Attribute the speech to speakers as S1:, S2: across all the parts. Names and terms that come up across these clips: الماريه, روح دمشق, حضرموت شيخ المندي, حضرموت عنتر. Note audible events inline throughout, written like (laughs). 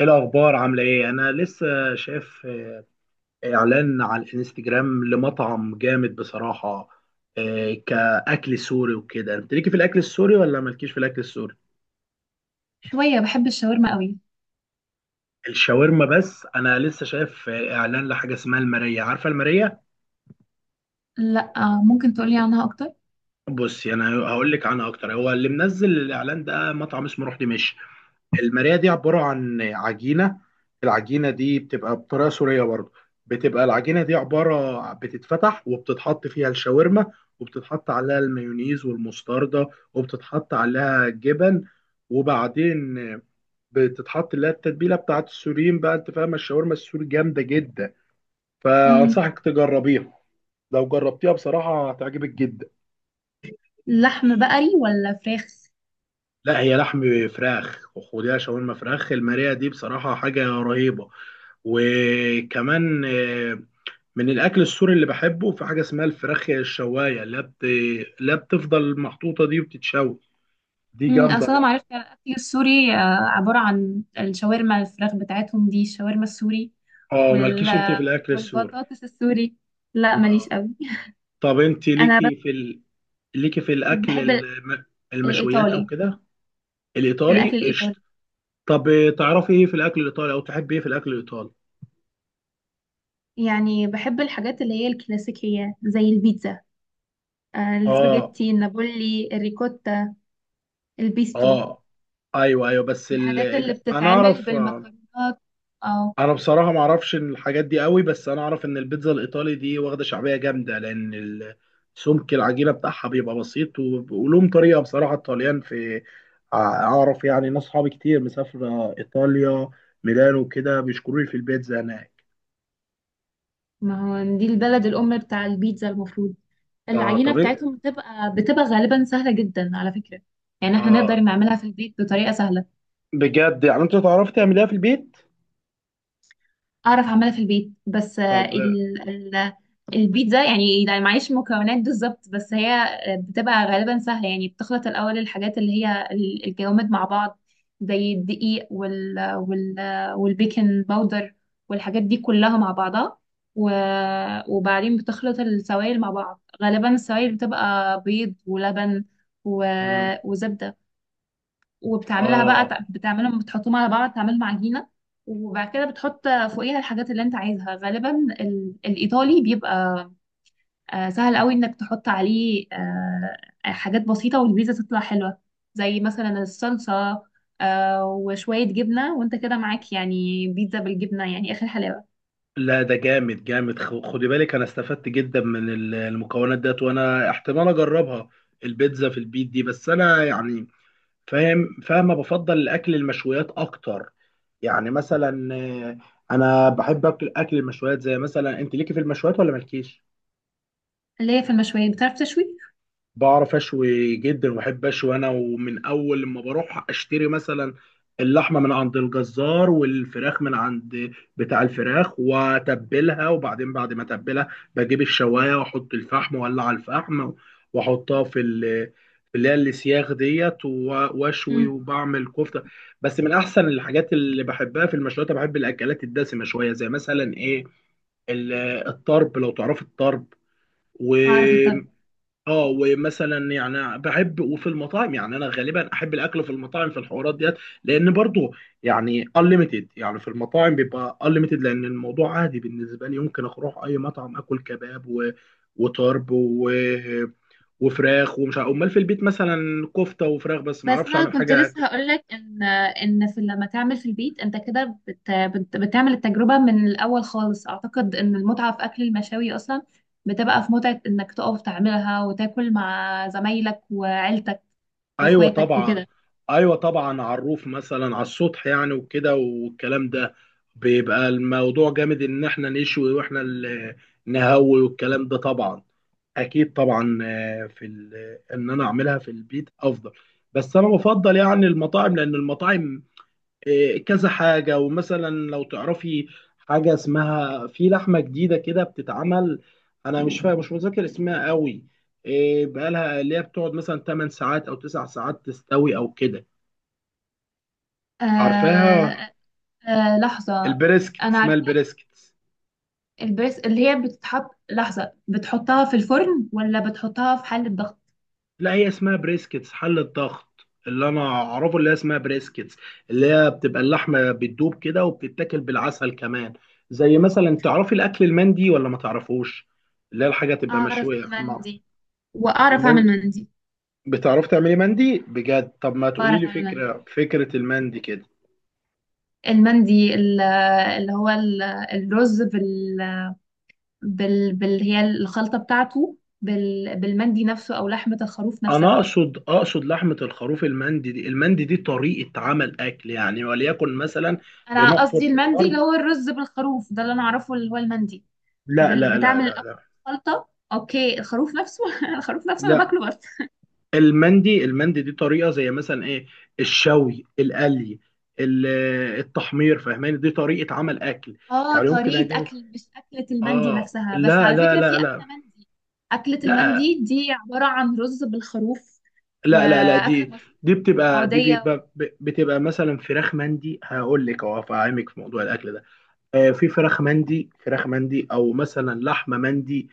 S1: ايه الاخبار؟ عامله ايه؟ انا لسه شايف اعلان على الانستجرام لمطعم جامد بصراحه. إيه كاكل سوري وكده؟ انت ليكي في الاكل السوري ولا مالكيش في الاكل السوري؟
S2: شوية بحب الشاورما قوي.
S1: الشاورما بس انا لسه شايف اعلان لحاجه اسمها الماريه. عارفه الماريه؟
S2: لا. ممكن تقولي عنها أكتر؟
S1: بصي انا هقول لك عنها اكتر. هو اللي منزل الاعلان ده مطعم اسمه روح دمشق. الماريه دي عباره عن عجينه. العجينه دي بتبقى بطريقه سوريه برضه. بتبقى العجينه دي عباره بتتفتح وبتتحط فيها الشاورما، وبتتحط عليها المايونيز والمستردة، وبتتحط عليها جبن، وبعدين بتتحط اللي هي التتبيله بتاعت السوريين. بقى انت فاهم الشاورما السوري جامده جدا،
S2: امم.
S1: فانصحك تجربيها. لو جربتيها بصراحه هتعجبك جدا.
S2: لحم بقري ولا فراخ؟
S1: لا، هي لحم فراخ، وخديها شاورما فراخ. الماريه دي بصراحه حاجه رهيبه. وكمان من الاكل السوري اللي بحبه في حاجه اسمها الفراخ الشوايه. لا، بتفضل محطوطه دي وبتتشوي، دي جامده
S2: أصل أنا
S1: بقى.
S2: معرفتي على الأكل السوري، عبارة عن الشاورما. الفراخ بتاعتهم دي الشاورما السوري
S1: اه،
S2: وال...
S1: مالكيش انت في الاكل السوري؟
S2: والبطاطس السوري. لا ماليش
S1: اه.
S2: قوي.
S1: طب انت
S2: (laughs) انا
S1: ليكي في
S2: بحب
S1: المشويات او
S2: الايطالي،
S1: كده؟ الايطالي
S2: الاكل الايطالي.
S1: قشطه. طب تعرفي ايه في الاكل الايطالي او تحبي ايه في الاكل الايطالي؟
S2: يعني بحب الحاجات اللي هي الكلاسيكيه زي البيتزا،
S1: اه.
S2: السباجيتي النابولي الريكوتا البيستو،
S1: اه. ايوه ايوه، بس
S2: الحاجات اللي
S1: انا
S2: بتتعمل
S1: اعرف.
S2: بالمكرونات. اه.
S1: انا بصراحه ما اعرفش الحاجات دي قوي، بس انا اعرف ان البيتزا الايطالي دي واخده شعبيه جامده. سمك العجينه بتاعها بيبقى بسيط، ولهم طريقه بصراحه الطليان في، اعرف يعني ناس صحابي كتير مسافره ايطاليا، ميلانو وكده، بيشكروا لي في البيتزا هناك.
S2: ما هو دي البلد الأم بتاع البيتزا المفروض.
S1: اه،
S2: العجينة
S1: طب ايه؟
S2: بتاعتهم بتبقى غالبا سهلة جدا على فكرة. يعني احنا
S1: اه.
S2: نقدر نعملها في البيت بطريقة سهلة.
S1: بجد يعني انت تعرف تعمليها في البيت؟
S2: اعرف اعملها في البيت، بس
S1: طب
S2: البيتزا يعني لا معيش مكونات بالظبط، بس هي بتبقى غالبا سهله. يعني بتخلط الاول الحاجات اللي هي الجوامد مع بعض زي الدقيق والبيكنج باودر والحاجات دي كلها مع بعضها. و... وبعدين بتخلط السوائل مع بعض، غالبا السوائل بتبقى بيض ولبن و...
S1: مم.
S2: وزبدة، وبتعملها بقى،
S1: اه.
S2: بتعملهم، بتحطهم على بعض تعملهم عجينة. وبعد كده بتحط فوقيها الحاجات اللي انت عايزها. غالبا الإيطالي بيبقى سهل قوي انك تحط عليه حاجات بسيطة والبيتزا تطلع حلوة، زي مثلا الصلصة، وشوية جبنة، وانت كده معاك يعني بيتزا بالجبنة، يعني آخر حلاوة.
S1: لا، ده جامد جامد، خدي بالك انا استفدت جدا من المكونات ديت، وانا احتمال اجربها البيتزا في البيت دي. بس انا يعني فاهم، فاهمه، بفضل الاكل المشويات اكتر. يعني مثلا انا بحب اكل، اكل المشويات. زي مثلا انت ليكي في المشويات ولا مالكيش؟
S2: اللي هي في المشويات، بتعرف تشوي؟
S1: بعرف اشوي جدا، وبحب اشوي انا. ومن اول لما بروح اشتري مثلا اللحمه من عند الجزار، والفراخ من عند بتاع الفراخ، واتبلها، وبعدين بعد ما اتبلها بجيب الشوايه واحط الفحم واولع الفحم، واحطها في في اللي هي السياخ ديت واشوي
S2: مم.
S1: وبعمل كفته. بس من احسن الحاجات اللي بحبها في المشويات، أنا بحب الاكلات الدسمه شويه، زي مثلا ايه، ال- الطرب لو تعرف،
S2: أعرف أطبخ.
S1: الطرب. اه. ومثلا يعني بحب، وفي المطاعم يعني انا غالبا احب الاكل في المطاعم في الحوارات ديت، لان برضو يعني unlimited، يعني في المطاعم بيبقى unlimited. لان الموضوع عادي بالنسبه لي، يمكن اروح اي مطعم اكل كباب وطرب وفراخ ومش عارف، امال في البيت مثلا كفته وفراخ، بس ما
S2: بس
S1: اعرفش
S2: انا
S1: اعمل
S2: كنت
S1: حاجه.
S2: لسه هقولك ان في، لما تعمل في البيت انت كده بت بت بتعمل التجربه من الاول خالص. اعتقد ان المتعه في اكل المشاوي اصلا بتبقى في متعه انك تقف تعملها وتاكل مع زمايلك وعيلتك
S1: ايوه
S2: واخواتك
S1: طبعا.
S2: وكده.
S1: ايوه طبعا، عروف مثلا على السطح يعني وكده، والكلام ده بيبقى الموضوع جامد، ان احنا نشوي واحنا اللي نهوي، والكلام ده طبعا. اكيد طبعا، ان انا اعملها في البيت افضل، بس انا بفضل يعني المطاعم لان المطاعم كذا حاجة. ومثلا لو تعرفي حاجة اسمها، في لحمة جديدة كده بتتعمل، أنا مش فاهم، مش متذكر اسمها قوي، بقالها اللي هي بتقعد مثلا 8 ساعات أو 9 ساعات تستوي أو كده. عارفاها؟
S2: آه. آه، لحظه.
S1: البريسكت،
S2: انا
S1: اسمها
S2: عارفه
S1: البريسكت.
S2: البريس، اللي هي بتتحط، لحظه، بتحطها في الفرن ولا بتحطها في حله ضغط؟
S1: لا، هي اسمها بريسكتس، حل الضغط اللي أنا أعرفه اللي هي اسمها بريسكتس، اللي هي بتبقى اللحمة بتدوب كده، وبتتاكل بالعسل كمان. زي مثلا، تعرفي الأكل المندي ولا ما تعرفوش؟ اللي هي الحاجة تبقى
S2: اعرف
S1: مشوية.
S2: المندي واعرف اعمل مندي.
S1: بتعرف تعملي مندي بجد؟ طب ما تقولي
S2: بعرف
S1: لي
S2: اعمل مندي.
S1: فكرة، المندي كده.
S2: المندي اللي هو ال- الرز بال بال بال هي الخلطة بتاعته، بالمندي نفسه أو لحمة الخروف
S1: انا
S2: نفسها.
S1: اقصد، لحمة الخروف. المندي دي، المندي دي طريقة عمل اكل يعني، وليكن مثلا
S2: أنا
S1: بنحفر
S2: قصدي
S1: في
S2: المندي اللي
S1: الارض.
S2: هو الرز بالخروف، ده اللي أنا أعرفه اللي هو المندي.
S1: لا لا لا
S2: بتعمل
S1: لا
S2: الأول
S1: لا.
S2: الخلطة، أوكي، الخروف نفسه، (laughs) الخروف نفسه أنا
S1: لا،
S2: باكله برضه.
S1: المندي، المندي دي طريقة، زي مثلا ايه، الشوي، القلي، ال- التحمير. فاهماني؟ دي طريقة عمل اكل،
S2: اه،
S1: يعني يمكن
S2: طريقة
S1: اجيب.
S2: أكل مش أكلة. المندي
S1: اه
S2: نفسها بس،
S1: لا
S2: على
S1: لا
S2: فكرة، في
S1: لا لا،
S2: أكلة مندي. أكلة
S1: لا
S2: المندي دي عبارة عن رز بالخروف،
S1: لا لا، لا
S2: وأكلة
S1: دي،
S2: مشهورة
S1: دي بتبقى، دي
S2: سعودية.
S1: بيبقى بتبقى مثلا فراخ مندي. هقول لك اهو، هفهمك في موضوع الاكل ده. في فراخ مندي، فراخ مندي، او مثلا لحمه مندي،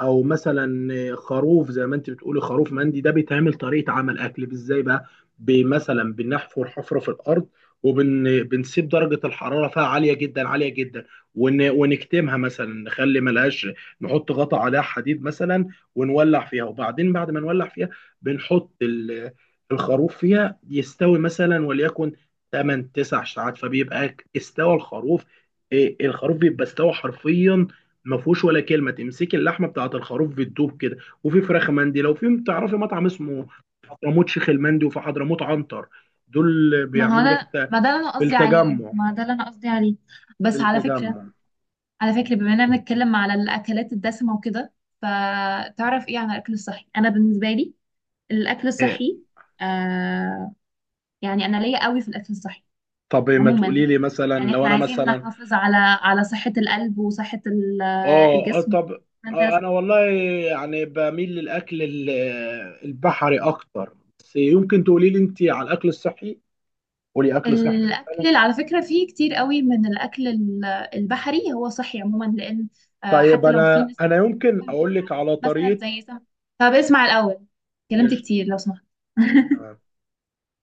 S1: او مثلا خروف زي ما انت بتقولي، خروف مندي. ده بيتعمل طريقه عمل اكل ازاي بقى؟ مثلا بنحفر حفره في الارض، وبنسيب درجه الحراره فيها عاليه جدا عاليه جدا، ونكتمها، مثلا نخلي ملهاش، نحط غطا عليها حديد مثلا، ونولع فيها، وبعدين بعد ما نولع فيها بنحط الخروف فيها يستوي، مثلا وليكن 8 9 ساعات، فبيبقى استوى الخروف. الخروف بيبقى استوى حرفيا، ما فيهوش ولا كلمه، تمسكي اللحمه بتاعه الخروف بتدوب كده. وفي فراخ مندي، لو في تعرفي مطعم اسمه حضرموت شيخ المندي، وفي حضرموت عنتر، دول
S2: ما هو
S1: بيعملوا ده
S2: انا، ما ده اللي انا
S1: في
S2: قصدي عليه،
S1: التجمع
S2: ما ده اللي انا قصدي عليه.
S1: في
S2: بس على فكرة
S1: التجمع
S2: على فكرة بما اننا بنتكلم على الاكلات الدسمة وكده، فتعرف ايه عن الاكل الصحي؟ انا بالنسبة لي الاكل
S1: إيه.
S2: الصحي، آه، يعني انا ليا قوي في الاكل الصحي
S1: طب ما
S2: عموما.
S1: تقولي لي مثلا،
S2: يعني
S1: لو
S2: احنا
S1: انا
S2: عايزين
S1: مثلا،
S2: نحافظ على صحة القلب وصحة
S1: اه
S2: الجسم.
S1: طب.
S2: فانت،
S1: آه، انا والله يعني بميل البحري اكتر، بس يمكن تقولي لي انت على الاكل الصحي، قولي اكل صحي مثلا.
S2: الأكل على فكرة فيه كتير قوي من البحري، هو صحي عموما، لأن
S1: طيب
S2: حتى لو في
S1: انا،
S2: ناس
S1: انا يمكن
S2: بتبقى
S1: اقول لك
S2: عليه
S1: على
S2: مثلا
S1: طريقه.
S2: زي سم. طب اسمع الأول، كلمت
S1: قشطه.
S2: كتير لو سمحت. (laughs)
S1: تمام،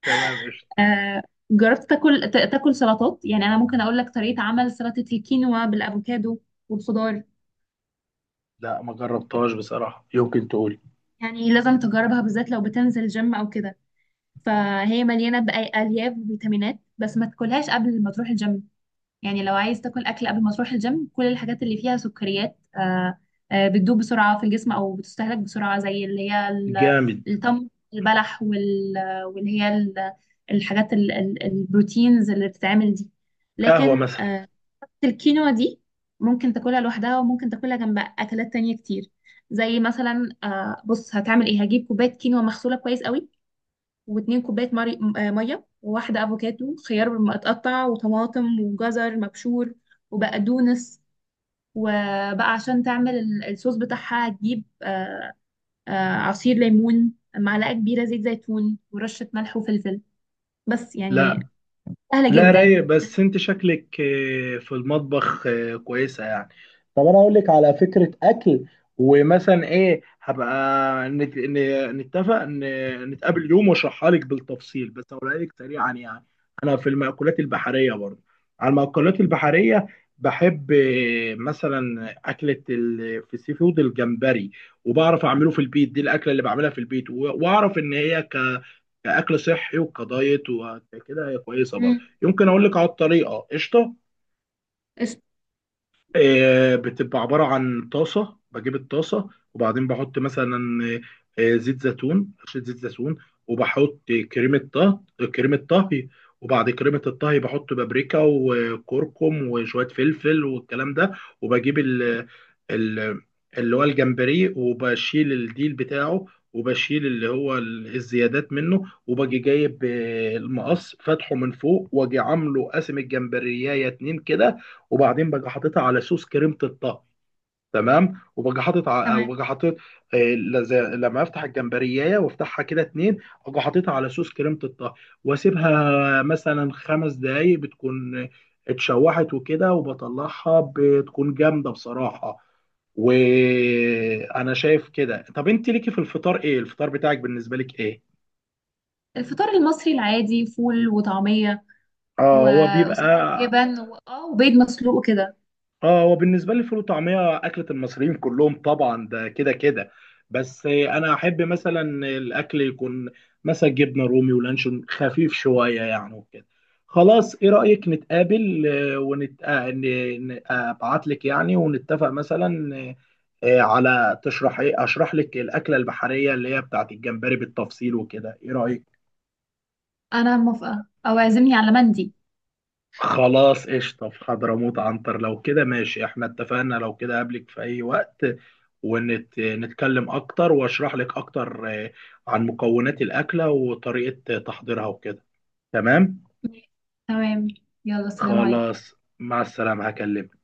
S1: تمام قشطه.
S2: آه، جربت تاكل تاكل سلطات؟ يعني أنا ممكن أقول لك طريقة عمل سلطة الكينوا بالأفوكادو والخضار.
S1: لا، ما جربتهاش بصراحه، يمكن تقولي.
S2: يعني لازم تجربها، بالذات لو بتنزل جيم أو كده، فهي مليانة بألياف وفيتامينات. بس ما تاكلهاش قبل ما تروح الجيم. يعني لو عايز تاكل اكل قبل ما تروح الجيم، كل الحاجات اللي فيها سكريات، بتدوب بسرعه في الجسم او بتستهلك بسرعه، زي اللي هي
S1: جامد.
S2: التمر البلح الحاجات البروتينز اللي بتتعمل دي.
S1: قهوه
S2: لكن
S1: مثلا.
S2: الكينوا دي ممكن تاكلها لوحدها وممكن تاكلها جنب اكلات تانية كتير، زي مثلا، بص هتعمل ايه. هجيب كوبايه كينوا مغسوله كويس قوي، واتنين كوباية مري... م- آه، مية، و1 أفوكادو، خيار متقطع وطماطم وجزر مبشور وبقدونس. وبقى عشان تعمل الصوص بتاعها، هتجيب عصير ليمون، معلقة كبيرة زيت زيتون، ورشة ملح وفلفل. بس يعني
S1: لا
S2: سهلة
S1: لا،
S2: جدا.
S1: رايق. بس انت شكلك في المطبخ كويسة يعني. طب انا اقول لك على فكرة اكل. ومثلا ايه، هبقى نتفق، نتقابل يوم واشرحها لك بالتفصيل. بس اقولها لك سريعا يعني، انا في المأكولات البحرية برضه، على المأكولات البحرية، بحب مثلا أكلة في السي فود الجمبري. وبعرف أعمله في البيت، دي الأكلة اللي بعملها في البيت. وأعرف إن هي كأكل صحي وكدايت وكده، هي كويسة برضه.
S2: امم
S1: يمكن أقول لك على الطريقة. قشطة.
S2: قشطة.
S1: بتبقى عبارة عن طاسة، بجيب الطاسة وبعدين بحط مثلا زيت زيتون، رشة زيت زيتون، وبحط كريمة طهي كريمة طهي، وبعد كريمة الطهي بحط بابريكا وكركم وشوية فلفل والكلام ده. وبجيب ال ال اللي هو الجمبري، وبشيل الديل بتاعه، وبشيل اللي الزيادات منه، وباجي جايب المقص فاتحه من فوق، واجي عامله قاسم الجمبريايه اتنين كده، وبعدين باجي حاططها على صوص كريمه الطهي. تمام. وباجي
S2: تمام.
S1: حاطط لما افتح الجمبريايه وافتحها كده اتنين، اجي حاططها على صوص كريمه الطهي، واسيبها مثلا 5 دقايق، بتكون اتشوحت وكده، وبطلعها بتكون جامده بصراحه، وانا شايف كده. طب انت ليكي في الفطار ايه؟ الفطار بتاعك بالنسبه لك ايه؟
S2: الفطار المصري العادي، فول وطعمية
S1: اه
S2: و...
S1: هو بيبقى.
S2: وساعات جبن اه، وبيض مسلوق كده.
S1: اه هو بالنسبه لي، الفول وطعميه اكله المصريين كلهم طبعا، ده كده كده. بس انا احب مثلا الاكل يكون مثلا جبنه رومي ولانشون خفيف شويه يعني وكده. خلاص، ايه رايك نتقابل، آه، ونت ابعت لك يعني، ونتفق مثلا على تشرح، ايه اشرح لك الاكله البحريه اللي هي بتاعت الجمبري بالتفصيل وكده، ايه رايك؟
S2: أنا موافقة، أو اعزمني على مندي.
S1: خلاص، قشطة، في حضرموت عنتر لو كده، ماشي احنا اتفقنا. لو كده قابلك في أي وقت، ونتكلم أكتر، وأشرح لك أكتر عن مكونات الأكلة وطريقة تحضيرها وكده. تمام؟
S2: تمام. يلا السلام عليكم.
S1: خلاص، مع السلامة، هكلمك.